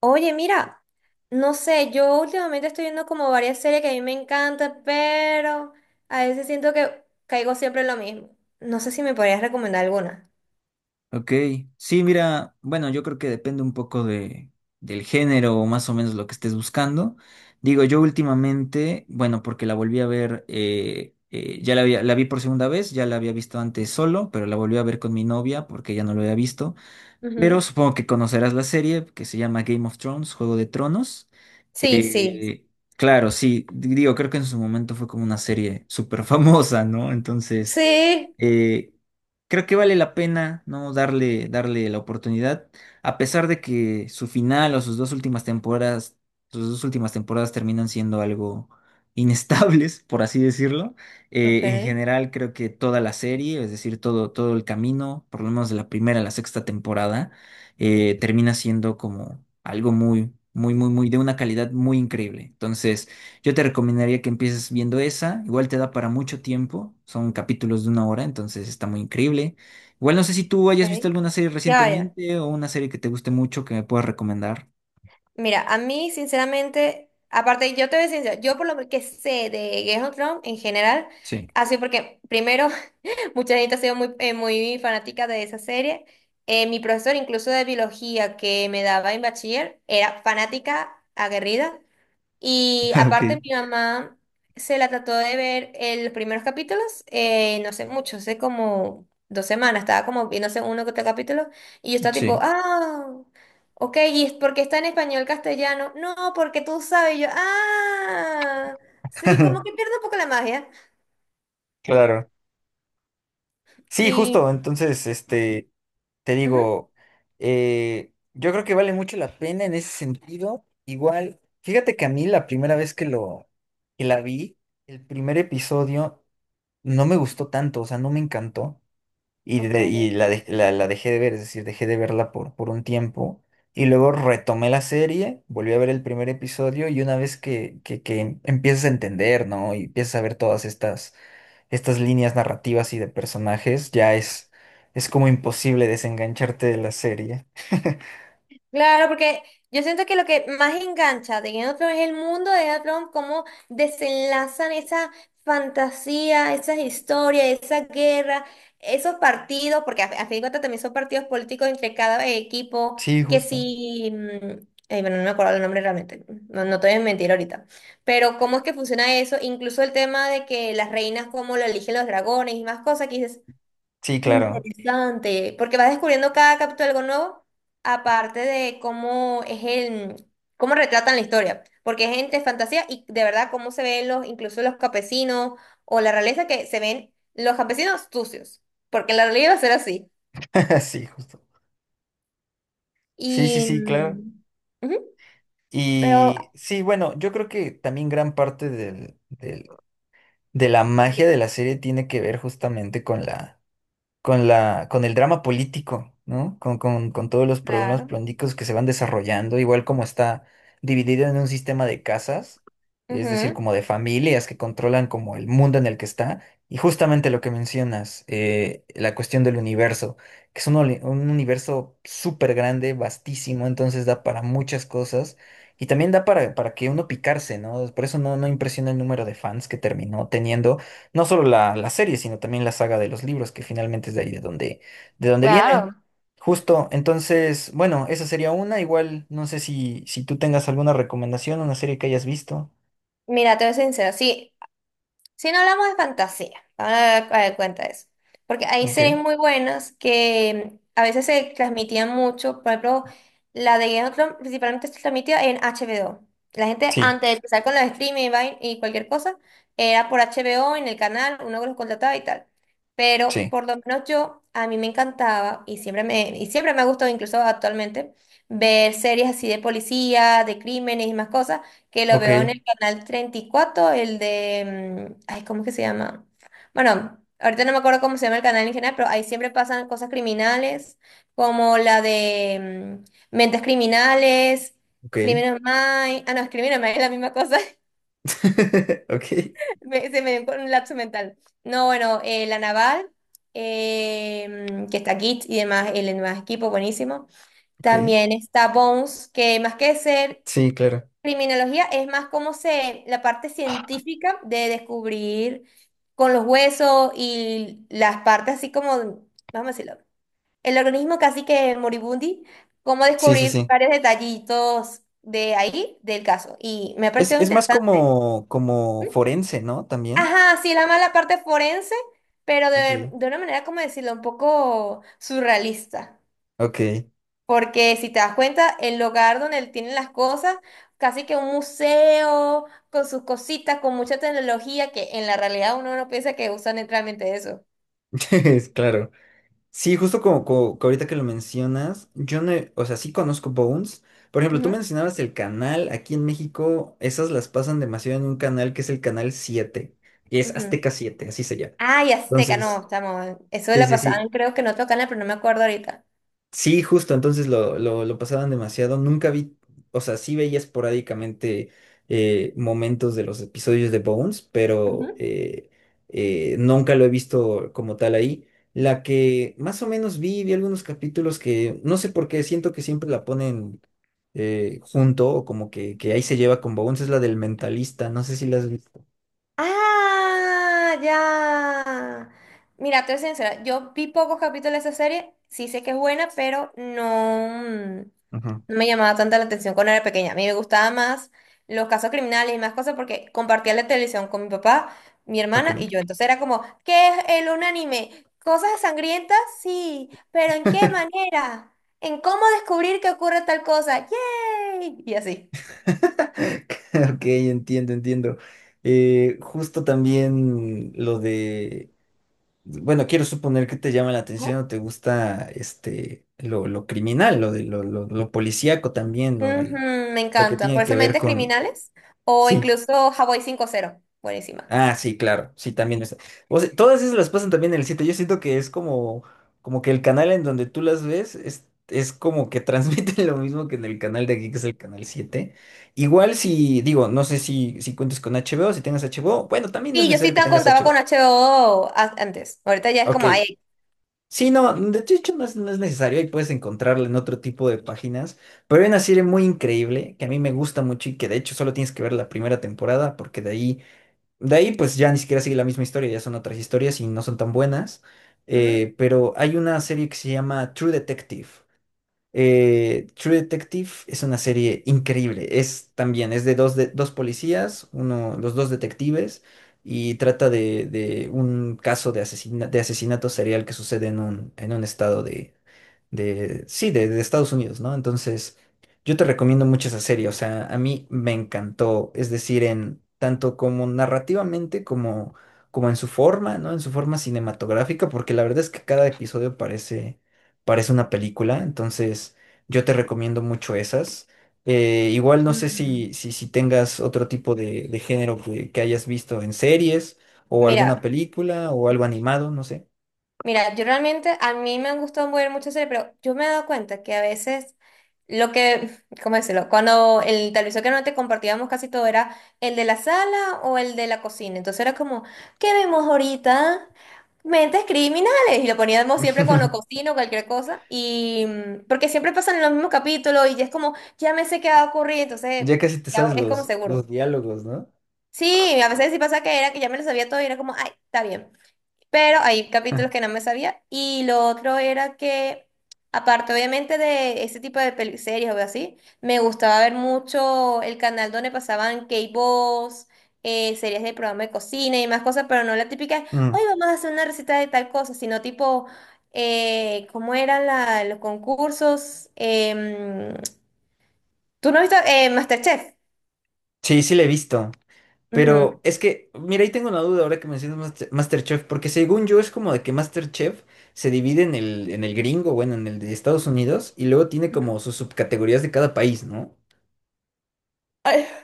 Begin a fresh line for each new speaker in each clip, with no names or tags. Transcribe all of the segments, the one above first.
Oye, mira, no sé, yo últimamente estoy viendo como varias series que a mí me encantan, pero a veces siento que caigo siempre en lo mismo. No sé si me podrías recomendar alguna.
Ok, sí, mira, bueno, yo creo que depende un poco del género o más o menos lo que estés buscando. Digo, yo últimamente, bueno, porque la volví a ver, la vi por segunda vez, ya la había visto antes solo, pero la volví a ver con mi novia porque ya no lo había visto. Pero
Ujú.
supongo que conocerás la serie que se llama Game of Thrones, Juego de Tronos.
Sí, sí.
Eh, claro, sí, digo, creo que en su momento fue como una serie súper famosa, ¿no? Entonces
Sí.
eh, creo que vale la pena, ¿no? Darle la oportunidad, a pesar de que su final o sus dos últimas temporadas, sus dos últimas temporadas terminan siendo algo inestables, por así decirlo.
Ok,
En general, creo que toda la serie, es decir, todo el camino, por lo menos de la primera a la sexta temporada, termina siendo como algo muy, muy, muy, muy de una calidad muy increíble. Entonces, yo te recomendaría que empieces viendo esa, igual te da para mucho tiempo, son capítulos de una hora, entonces está muy increíble. Igual no sé si tú hayas visto
ok.
alguna serie
Ya, ya.
recientemente o una serie que te guste mucho que me puedas recomendar.
Mira, a mí, sinceramente, aparte, yo te voy a decir, yo por lo que sé de Game of Thrones en general,
Sí.
así porque primero mucha gente ha sido muy, muy fanática de esa serie. Mi profesor, incluso de biología, que me daba en bachiller, era fanática, aguerrida. Y
Ok,
aparte, mi mamá se la trató de ver en los primeros capítulos, no sé mucho, hace como 2 semanas, estaba como no sé, uno que otro capítulo. Y yo estaba tipo,
sí.
ah, ok, ¿y es porque está en español castellano? No, porque tú sabes. Y yo, ah, sí, como que pierdo un poco la magia.
Claro. Sí,
Y,
justo. Entonces, este, te
ujú,
digo, yo creo que vale mucho la pena en ese sentido. Igual, fíjate que a mí la primera vez que la vi, el primer episodio no me gustó tanto, o sea, no me encantó. y, de- y
ok.
la, de- la, la dejé de ver, es decir, dejé de verla por un tiempo. Y luego retomé la serie, volví a ver el primer episodio y una vez que empiezas a entender, ¿no? Y empiezas a ver todas estas líneas narrativas y de personajes, es como imposible desengancharte de la serie.
Claro, porque yo siento que lo que más engancha de Game of Thrones es el mundo de Game of Thrones, cómo desenlazan esa fantasía, esas historias, esa guerra, esos partidos, porque a fin de cuentas también son partidos políticos entre cada equipo,
Sí,
que
justo.
si, ay, bueno, no me acuerdo el nombre realmente, no, no te voy a mentir ahorita, pero cómo es que funciona eso, incluso el tema de que las reinas, cómo lo eligen los dragones y más cosas, que dices,
Sí, claro.
interesante, porque vas descubriendo cada capítulo algo nuevo, aparte de cómo es el, cómo retratan la historia, porque es entre fantasía y de verdad cómo se ven los, incluso los campesinos o la realeza que se ven los campesinos sucios, porque en la realidad va a ser así.
Sí, justo. Sí, sí,
Y,
sí, claro.
mm, ujú, pero,
Y sí, bueno, yo creo que también gran parte del, de la magia de
sí,
la serie tiene que ver justamente con el drama político, ¿no? Con todos los problemas
claro,
políticos que se van desarrollando, igual como está dividido en un sistema de casas, es decir,
ujú.
como de familias que controlan como el mundo en el que está, y justamente lo que mencionas, la cuestión del universo, que es un universo súper grande, vastísimo, entonces da para muchas cosas. Y también da para que uno picarse, ¿no? Por eso no, no impresiona el número de fans que terminó teniendo no solo la serie, sino también la saga de los libros, que finalmente es de ahí de donde viene.
Claro.
Justo, entonces, bueno, esa sería una. Igual, no sé si tú tengas alguna recomendación, una serie que hayas visto.
Mira, te voy a ser sincera, sí, si no hablamos de fantasía, vamos a dar cuenta de eso. Porque hay series
Ok.
muy buenas que a veces se transmitían mucho. Por ejemplo, la de Game of Thrones principalmente se transmitía en HBO. La gente
Sí,
antes de empezar con los streaming y y cualquier cosa, era por HBO en el canal, uno que los contrataba y tal. Pero
sí.
por lo menos yo, a mí me encantaba y siempre me ha gustado, incluso actualmente, ver series así de policía, de crímenes y más cosas que lo
Ok,
veo en el canal 34 el de, ay, ¿cómo es que se llama? Bueno, ahorita no me acuerdo cómo se llama el canal en general, pero ahí siempre pasan cosas criminales, como la de Mentes Criminales,
ok.
Criminal Minds, ah, no, es Criminal Minds, es la misma cosa.
Ok,
Se me dio un lapso mental. No, bueno, La Naval, que está Git y demás, el demás equipo, buenísimo.
ok.
También está Bones, que más que ser
Sí, claro.
criminología es más como se, la parte científica de descubrir con los huesos y las partes así como, vamos a decirlo, el organismo casi que moribundi, cómo
Sí, sí,
descubrir
sí.
varios detallitos de ahí, del caso. Y me ha parecido
Es más
interesante.
como, como forense, ¿no? También.
Ajá, sí, la mala parte forense, pero
Ok.
de una manera, como decirlo, un poco surrealista.
Ok.
Porque si te das cuenta, el lugar donde él tiene las cosas, casi que un museo con sus cositas, con mucha tecnología, que en la realidad uno no piensa que usan realmente eso.
Claro. Sí, justo como, como- que ahorita que lo mencionas, yo no, he- o sea, sí conozco Bones. Por ejemplo, tú
Ujú,
mencionabas el canal, aquí en México esas las pasan demasiado en un canal que es el canal 7, que es
ujú.
Azteca Siete, así se llama.
Ah, y Azteca, no,
Entonces,
estamos. Eso de
sí,
la
sí,
pasada,
sí.
creo que no otro canal, pero no me acuerdo ahorita.
Sí, justo, entonces lo pasaban demasiado. Nunca vi, o sea, sí veía esporádicamente momentos de los episodios de Bones, pero
Ujú.
nunca lo he visto como tal ahí. La que más o menos vi algunos capítulos que no sé por qué, siento que siempre la ponen junto o como que ahí se lleva con Bones, es la del mentalista, no sé si la has visto.
Ah, ya. Mira, te voy a ser sincera, yo vi pocos capítulos de esa serie, sí sé que es buena, pero no. mm,
Ajá,
no me llamaba tanta la atención cuando era pequeña. A mí me gustaba más los casos criminales y más cosas porque compartía la televisión con mi papá, mi hermana y yo.
ok.
Entonces era como, ¿qué es el un anime? ¿Cosas sangrientas? Sí, pero ¿en qué manera? ¿En cómo descubrir que ocurre tal cosa? ¡Yay! Y así.
Ok, entiendo, entiendo. Justo también lo de, bueno, quiero suponer que te llama la atención o
¿No?
te gusta este lo criminal, lo de lo policíaco también, lo
Ujú,
de
me
lo que
encanta. Por
tiene
eso
que ver
Mentes
con,
Criminales o
sí.
incluso Hawaii 5-0, buenísima.
Ah, sí, claro, sí, también está. O sea, todas esas las pasan también en el 7. Yo siento que es como, como que el canal en donde tú las ves es como que transmiten lo mismo que en el canal de aquí, que es el canal 7. Igual si, digo, no sé si cuentes con HBO, si tengas HBO, bueno, también no es
Sí, yo sí
necesario
te
que tengas
contaba con
HBO.
HBO antes. Ahorita ya es como
Ok.
ahí.
Sí, no, de hecho no es necesario, ahí puedes encontrarla en otro tipo de páginas, pero hay una serie muy increíble que a mí me gusta mucho y que de hecho solo tienes que ver la primera temporada porque de ahí, pues ya ni siquiera sigue la misma historia, ya son otras historias y no son tan buenas.
Ujú.
Pero hay una serie que se llama True Detective. True Detective es una serie increíble. Es también, es de, dos policías, uno, los dos detectives, y trata de un caso de de asesinato serial que sucede en un estado de Estados Unidos, ¿no? Entonces, yo te recomiendo mucho esa serie, o sea, a mí me encantó, es decir, en tanto como narrativamente como, como en su forma, ¿no? En su forma cinematográfica, porque la verdad es que cada episodio parece una película, entonces yo te recomiendo mucho esas. Igual no sé
Ujú.
si tengas otro tipo de género que hayas visto en series o alguna
Mira.
película o algo animado, no sé.
Mira, yo realmente, a mí me han gustado mover mucho series, pero yo me he dado cuenta que a veces lo que, ¿cómo decirlo? Cuando el televisor que no te compartíamos casi todo era el de la sala o el de la cocina. Entonces era como, ¿qué vemos ahorita? Mentes criminales. Y lo poníamos siempre cuando cocino o cualquier cosa. Y porque siempre pasan en los mismos capítulos y ya es como, ya me sé qué va a ocurrir, entonces
Ya casi te
ya
sabes
es como
los
seguro.
diálogos, ¿no?
Sí, a veces sí pasa que era que ya me lo sabía todo y era como, ay, está bien, pero hay capítulos que no me sabía. Y lo otro era que, aparte obviamente de ese tipo de series o así, me gustaba ver mucho el canal donde pasaban K-Boss, series de programa de cocina y más cosas, pero no la típica,
Mm,
hoy vamos a hacer una receta de tal cosa, sino tipo, ¿cómo eran los concursos? ¿Tú no has visto MasterChef?
sí, sí le he visto. Pero es que, mira, ahí tengo una duda ahora que mencionas MasterChef, porque según yo es como de que MasterChef se divide en el gringo, bueno, en el de Estados Unidos, y luego tiene
Ujú.
como sus subcategorías de cada país, ¿no?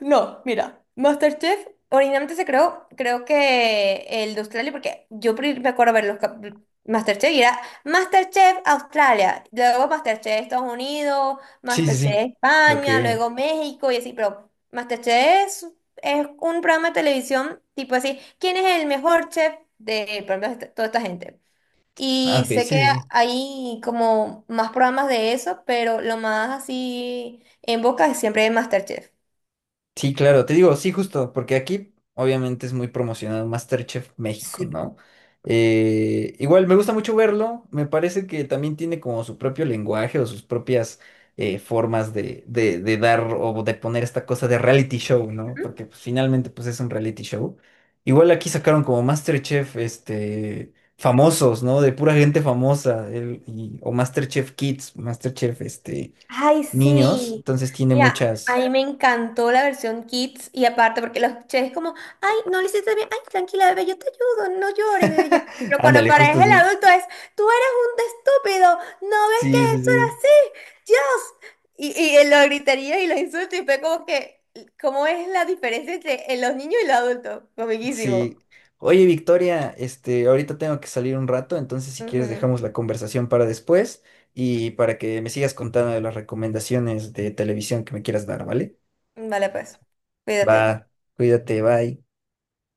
No, mira, MasterChef originalmente se creó, creo que el de Australia, porque yo me acuerdo ver los Masterchef y era Masterchef Australia, luego Masterchef Estados Unidos,
Sí, sí, sí.
Masterchef
Ok.
España, luego México y así, pero Masterchef es un programa de televisión tipo así, ¿quién es el mejor chef de por ejemplo, toda esta gente?
Ah, ok,
Y
sí,
sé que
sí, sí.
hay como más programas de eso, pero lo más así en boca es siempre Masterchef.
Sí, claro, te digo, sí, justo, porque aquí obviamente es muy promocionado MasterChef México,
Sí.
¿no? Igual me gusta mucho verlo, me parece que también tiene como su propio lenguaje o sus propias formas de dar o de poner esta cosa de reality show, ¿no? Porque pues, finalmente pues es un reality show. Igual aquí sacaron como MasterChef, este, famosos, ¿no? De pura gente famosa, o MasterChef Kids, MasterChef, este,
Ay,
niños,
sí.
entonces tiene
Mira, a
muchas.
mí me encantó la versión Kids y aparte porque los escuché como, ay, no lo hiciste bien, ay, tranquila, bebé, yo te ayudo, no llores, bebé. Ya". Pero cuando
Ándale, justo
aparece el
así.
adulto es, tú eres un estúpido, no ves que
Sí, sí,
eso era
sí.
así, Dios. Y él lo gritaría y lo insulta y fue como que, ¿cómo es la diferencia entre los niños y los adultos?
Sí.
Comiquísimo.
Oye, Victoria, este, ahorita tengo que salir un rato, entonces si quieres
Ujú.
dejamos la conversación para después y para que me sigas contando de las recomendaciones de televisión que me quieras dar, ¿vale?
Vale, pues, cuídate.
Va, cuídate, bye.